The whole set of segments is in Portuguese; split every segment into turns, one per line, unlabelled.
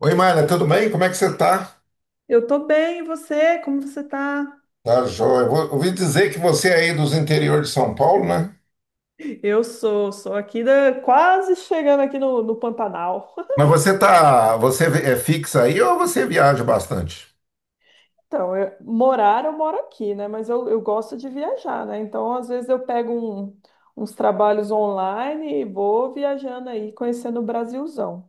Oi, Mara, tudo bem? Como é que você tá?
Eu tô bem, e você? Como você tá?
Tá, joia. Ouvi dizer que você é aí dos interior de São Paulo, né?
Eu sou aqui da, quase chegando aqui no Pantanal.
Mas você tá, você é fixa aí ou você viaja bastante?
Então, morar eu moro aqui, né? Mas eu gosto de viajar, né? Então, às vezes eu pego uns trabalhos online e vou viajando aí, conhecendo o Brasilzão.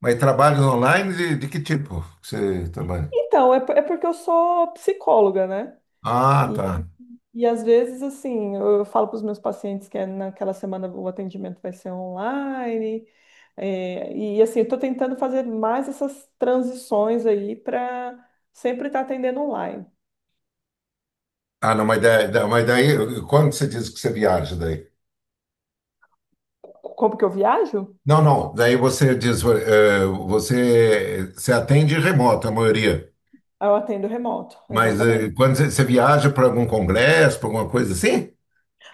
Mas trabalhos online de que tipo que você trabalha?
Então, é porque eu sou psicóloga, né?
Ah,
E,
tá.
e às vezes, assim, eu falo para os meus pacientes que é naquela semana o atendimento vai ser online. É, e assim, eu estou tentando fazer mais essas transições aí para sempre estar atendendo online.
Ah, não, mas daí, mas daí, quando você diz que você viaja daí?
Como que eu viajo?
Não, não, daí você diz, você, você atende remoto, a maioria.
Ah, eu atendo remoto,
Mas
exatamente.
quando você, você viaja para algum congresso, para alguma coisa assim?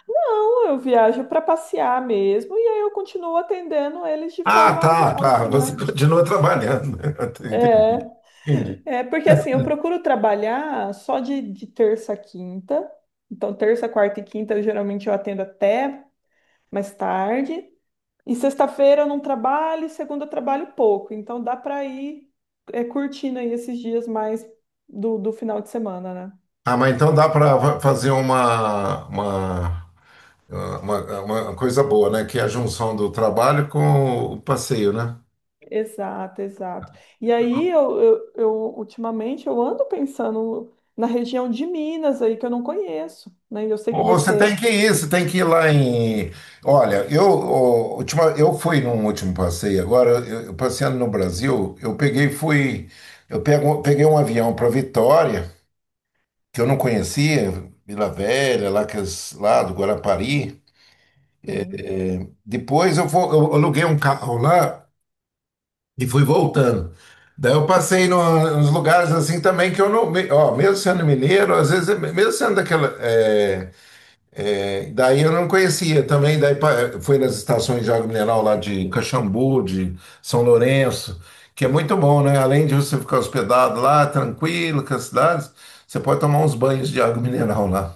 Não, eu viajo para passear mesmo e aí eu continuo atendendo eles de
Ah,
forma
tá, tá.
remota,
Você
né?
continua trabalhando.
É,
Entendi. Entendi.
é porque assim, eu procuro trabalhar só de terça a quinta. Então, terça, quarta e quinta, eu, geralmente eu atendo até mais tarde. E sexta-feira eu não trabalho, e segunda eu trabalho pouco. Então dá para ir curtindo aí esses dias mais do final de semana, né?
Ah, mas então dá para fazer uma coisa boa, né? Que é a junção do trabalho com o passeio, né?
Exato, exato. E aí eu, ultimamente eu ando pensando na região de Minas aí que eu não conheço, né? E eu sei
Ou
que
você tem
você
que ir, você tem que ir lá em. Olha, eu, ó, última, eu fui num último passeio agora, eu passeando no Brasil, eu peguei, fui. Eu pego, peguei um avião para Vitória, que eu não conhecia, Vila Velha, lá, que, lá do Guarapari.
Sim.
É, depois eu, vou, eu aluguei um carro lá e fui voltando. Daí eu passei nos lugares assim também que eu não. Ó, mesmo sendo mineiro, às vezes, mesmo sendo daquela. Daí eu não conhecia também. Fui nas estações de água mineral lá de Caxambu, de São Lourenço, que é muito bom, né? Além de você ficar hospedado lá, tranquilo, com as cidades, você pode tomar uns banhos de água mineral lá.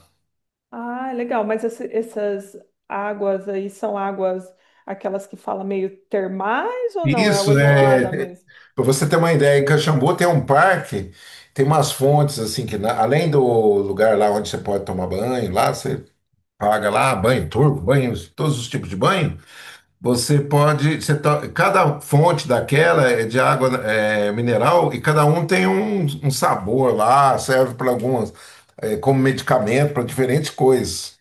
Ah, legal. Mas esse- essas águas aí são águas, aquelas que fala meio termais ou não? É água
Isso,
gelada
é.
mesmo?
Para você ter uma ideia, em Caxambu tem um parque, tem umas fontes assim que além do lugar lá onde você pode tomar banho, lá você paga lá banho turco, banho, todos os tipos de banho. Você pode, cada fonte daquela é de água mineral e cada um tem um, um sabor lá, serve para algumas como medicamento para diferentes coisas.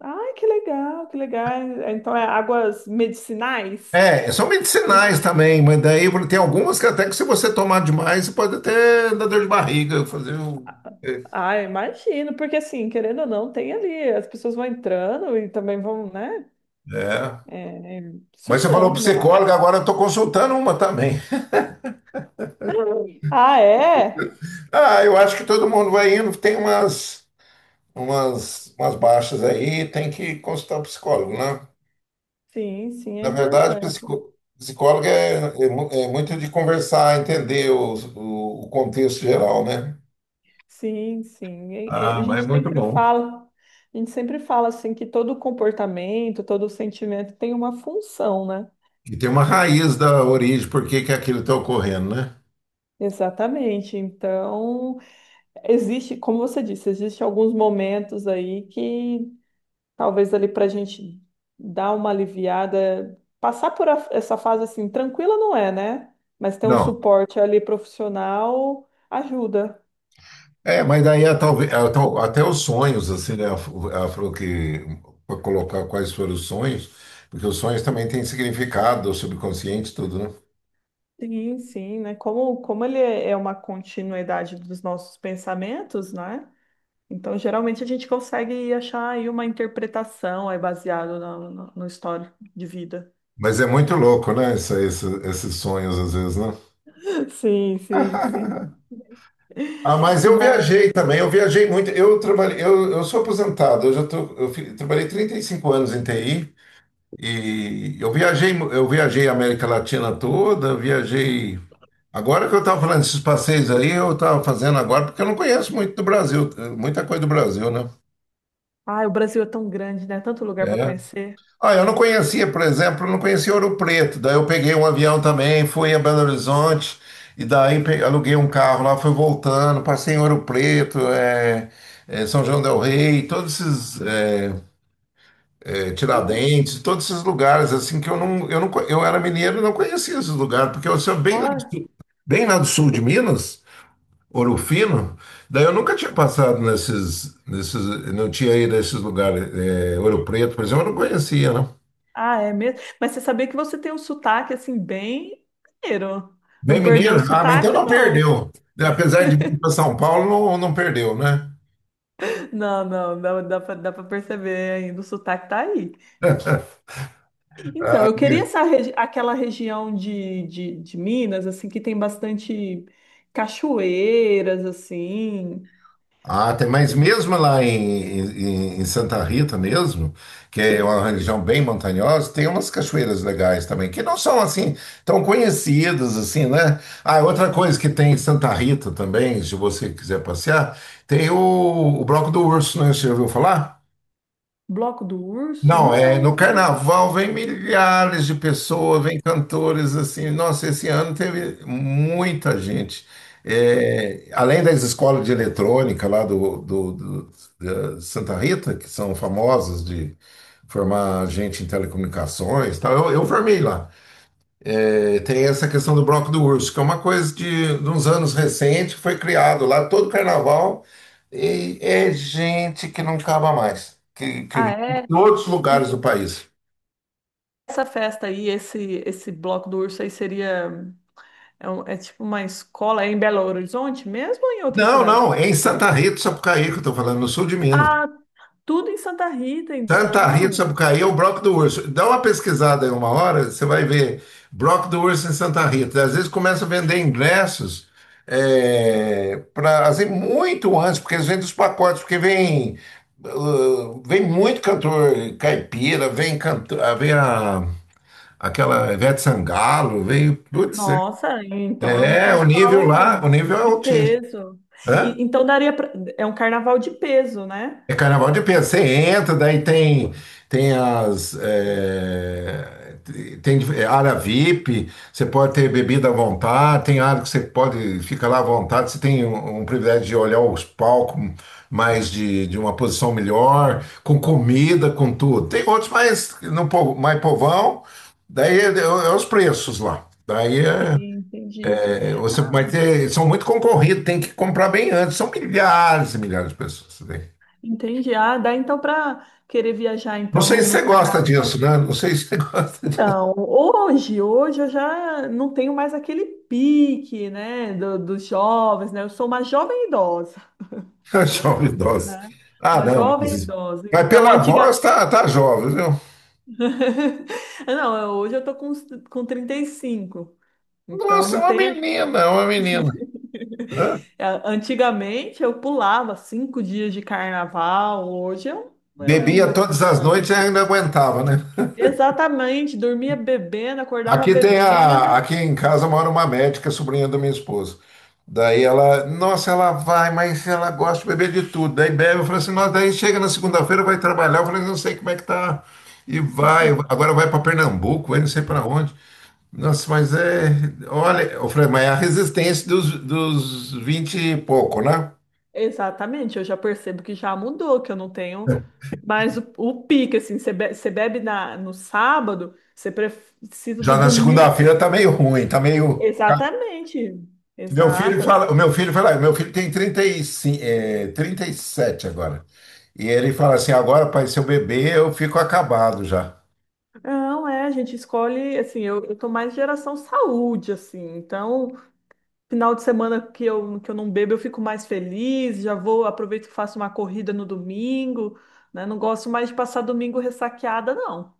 Ai, que legal, que legal. Então é águas medicinais?
É, são medicinais também, mas daí tem algumas que até que se você tomar demais, você pode até dar dor de barriga, fazer um. É.
Ah, imagino, porque assim, querendo ou não, tem ali, as pessoas vão entrando e também vão, né,
É. Mas você falou
sujando, né? a-
psicóloga, agora eu estou consultando uma também.
Ah, é?
Ah, eu acho que todo mundo vai indo, tem umas baixas aí, tem que consultar o psicólogo, né?
Sim, sim, é
Na verdade,
importante.
psicólogo é muito de conversar, entender o contexto geral, né?
Sim, sim. A
Ah, mas é
gente
muito
sempre
bom.
fala, a gente sempre fala assim que todo comportamento, todo sentimento tem uma função, né?
E tem uma
Hum,
raiz da origem, por que que aquilo está ocorrendo, né?
Exatamente. Então, existe, como você disse, existe alguns momentos aí que talvez ali para a gente dar uma aliviada, passar por essa fase assim, tranquila não é, né? Mas ter um
Não.
suporte ali profissional ajuda.
É, mas daí é até os sonhos, assim, né? Ela falou que para colocar quais foram os sonhos, porque os sonhos também têm significado, o subconsciente, tudo, né?
Sim, sim, né? Como ele é uma continuidade dos nossos pensamentos, né? Então, geralmente a gente consegue achar aí uma interpretação aí baseado no histórico de vida.
Mas é muito louco, né? Esses sonhos, às vezes, né?
Sim, sim, sim.
Ah, mas eu
mas
viajei também, eu viajei muito. Eu trabalhei, eu sou aposentado, eu já tô, trabalhei 35 anos em TI e eu viajei, eu viajei a América Latina toda, viajei. Agora que eu estava falando desses passeios aí, eu estava fazendo agora, porque eu não conheço muito do Brasil, muita coisa do Brasil, né?
Ai, o Brasil é tão grande, né? Tanto lugar para
É.
conhecer.
Ah, eu não conhecia, por exemplo, eu não conhecia Ouro Preto. Daí eu peguei um avião também, fui a Belo Horizonte, e aluguei um carro lá, fui voltando, passei em Ouro Preto, São João del Rei, todos esses
Então,
Tiradentes, todos esses lugares assim que eu era mineiro e não conhecia esses lugares, porque eu sou
bora.
bem lá do sul de Minas. Ouro Fino? Daí eu nunca tinha passado não tinha ido a esses lugares. É, Ouro Preto, por exemplo, eu não conhecia, não.
Ah, é mesmo? Mas você sabia que você tem um sotaque assim bem mineiro.
Bem
Não perdeu o
mineiro? Ah, mas então
sotaque,
não
não.
perdeu. Apesar de vir para São Paulo, não, não perdeu, né?
Não, não, não, dá pra perceber ainda, o sotaque tá aí. Então, eu queria essa aquela região de, de Minas, assim, que tem bastante cachoeiras, assim,
Ah, tem, mas mesmo lá em Santa Rita mesmo, que é uma região bem montanhosa, tem umas cachoeiras legais também, que não são assim tão conhecidas assim, né? Ah, outra coisa que tem em Santa Rita também, se você quiser passear, tem o Bloco do Urso, né? Você já ouviu falar?
Bloco do Urso?
Não, é,
Não.
no carnaval vem milhares de pessoas, vem cantores assim. Nossa, esse ano teve muita gente. É, além das escolas de eletrônica lá da Santa Rita, que são famosas de formar gente em telecomunicações, e tal, eu formei lá. É, tem essa questão do bloco do urso, que é uma coisa de uns anos recente, que foi criado lá todo carnaval, e é gente que não acaba mais, que
Ah,
vem de
é?
todos os lugares
E
do país.
essa festa aí, esse Bloco do Urso aí seria. É, um- é tipo uma escola, é em Belo Horizonte mesmo ou em outra
Não,
cidade?
não, é em Santa Rita do Sapucaí que eu estou falando, no sul de Minas.
Ah, tudo em Santa Rita,
Santa Rita do
então.
Sapucaí é o Broco do Urso. Dá uma pesquisada aí uma hora, você vai ver Broco do Urso em Santa Rita. Às vezes começa a vender ingressos pra, assim, muito antes, porque eles vendem os pacotes, porque vem, vem muito cantor caipira, vem, cantor, vem a, aquela Ivete Sangalo, vem. Putz,
Nossa, então é um
é, o nível
carnaval
lá, o nível é
de
altíssimo.
peso.
Hã?
E- então daria pra... É um carnaval de peso, né?
É carnaval de Pedro. Você entra, daí tem as é, tem área VIP. Você pode ter bebida à vontade. Tem área que você pode ficar lá à vontade. Você tem um, um privilégio de olhar os palcos mais de uma posição melhor, com comida, com tudo. Tem outros mais no povo- mais povão. Daí é os preços lá.
Sim, entendi.
Você
Ah,
vai ter, são muito concorridos, tem que comprar bem antes. São milhares e milhares de pessoas, né?
entendi. Ah, dá então para querer viajar
Não
então
sei
no,
se
no
você gosta
carnaval.
disso, né? Não sei se você gosta de
Então, hoje, hoje eu já não tenho mais aquele pique, né, do- dos jovens, né? Eu sou uma jovem idosa.
jovem idosa.
Né?
Ah,
Uma
não,
jovem idosa.
mas
Então,
pela
antiga.
voz tá, tá jovem, viu?
Não, eu- hoje eu tô com, com 35. Então,
Nossa, é
não
uma
tem.
menina, é uma menina. Hã?
É, Antigamente eu pulava 5 dias de carnaval. Hoje eu não
Bebia
dou
todas
conta,
as
não.
noites e ainda aguentava, né?
Exatamente, dormia bebendo, acordava
Aqui tem a,
bebendo.
aqui em casa mora uma médica, sobrinha da minha esposa. Daí ela, nossa, ela vai, mas ela gosta de beber de tudo. Daí bebe, eu falei assim, nossa, daí chega na segunda-feira, vai trabalhar. Eu falei, não sei como é que tá. E vai, agora vai para Pernambuco, vai não sei para onde. Nossa, mas é. Olha, ô Fred, mas é a resistência dos, dos 20 e pouco, né?
Exatamente, eu já percebo que já mudou, que eu não tenho mais o pique, assim, você bebe no sábado, você precisa
Já
do
na
domingo.
segunda-feira tá meio ruim, tá meio.
Exatamente, exato.
O meu filho fala, meu filho tem 35, é, 37 agora. E ele fala assim: agora, pai, se eu beber, eu fico acabado já.
Não, é, a gente escolhe, assim, eu tô mais geração saúde, assim, então, final de semana que eu não bebo, eu fico mais feliz, já vou, aproveito que faço uma corrida no domingo, né? Não gosto mais de passar domingo ressaqueada, não.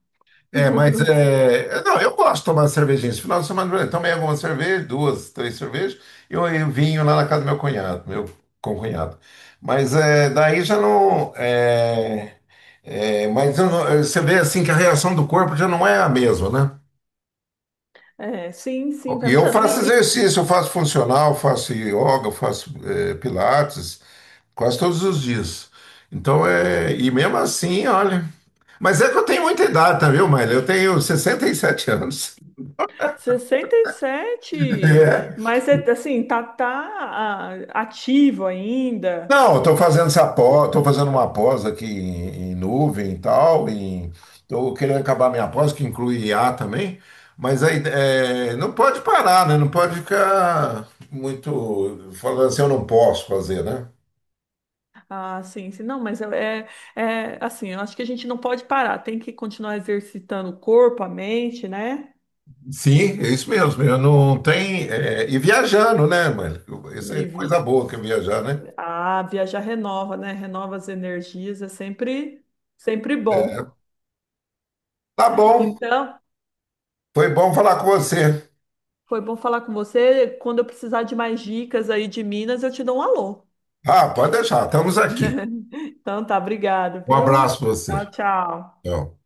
É, mas é. Não, eu gosto de tomar cervejinha. Esse final de semana eu tomei algumas cervejas, duas, três cervejas, e eu vinho lá na casa do meu cunhado, meu concunhado. Mas é, daí já não. Mas eu você vê assim que a reação do corpo já não é a mesma, né?
É, sim, sim, vai
E eu
mudando.
faço
E
exercício, eu faço funcional, faço yoga, eu faço pilates, quase todos os dias. Então é. E mesmo assim, olha. Mas é que eu tenho muita idade, tá, viu, Maíra? Eu tenho 67 anos.
67,
É.
mas é, assim, tá, tá, ativo ainda,
Não, estou fazendo essa pós, estou fazendo uma pós aqui em nuvem e tal, em, estou querendo acabar minha pós, que inclui I a também, mas aí é, não pode parar, né? Não pode ficar muito falando assim, eu não posso fazer, né?
Ah, sim, sim. Não, mas é, é, assim, eu acho que a gente não pode parar, tem que continuar exercitando o corpo, a mente, né?
Sim, é isso mesmo. Eu não tem e viajando, né, mano? Isso é
E vi...
coisa boa que é viajar, né?
ah, viajar renova, né? Renova as energias, é sempre, sempre bom.
Tá bom,
Então,
foi bom falar com você.
foi bom falar com você. Quando eu precisar de mais dicas aí de Minas, eu te dou um alô.
Ah, pode deixar, estamos aqui.
Então tá, obrigado,
Um abraço
viu?
para você.
Tchau, tchau.
Tchau.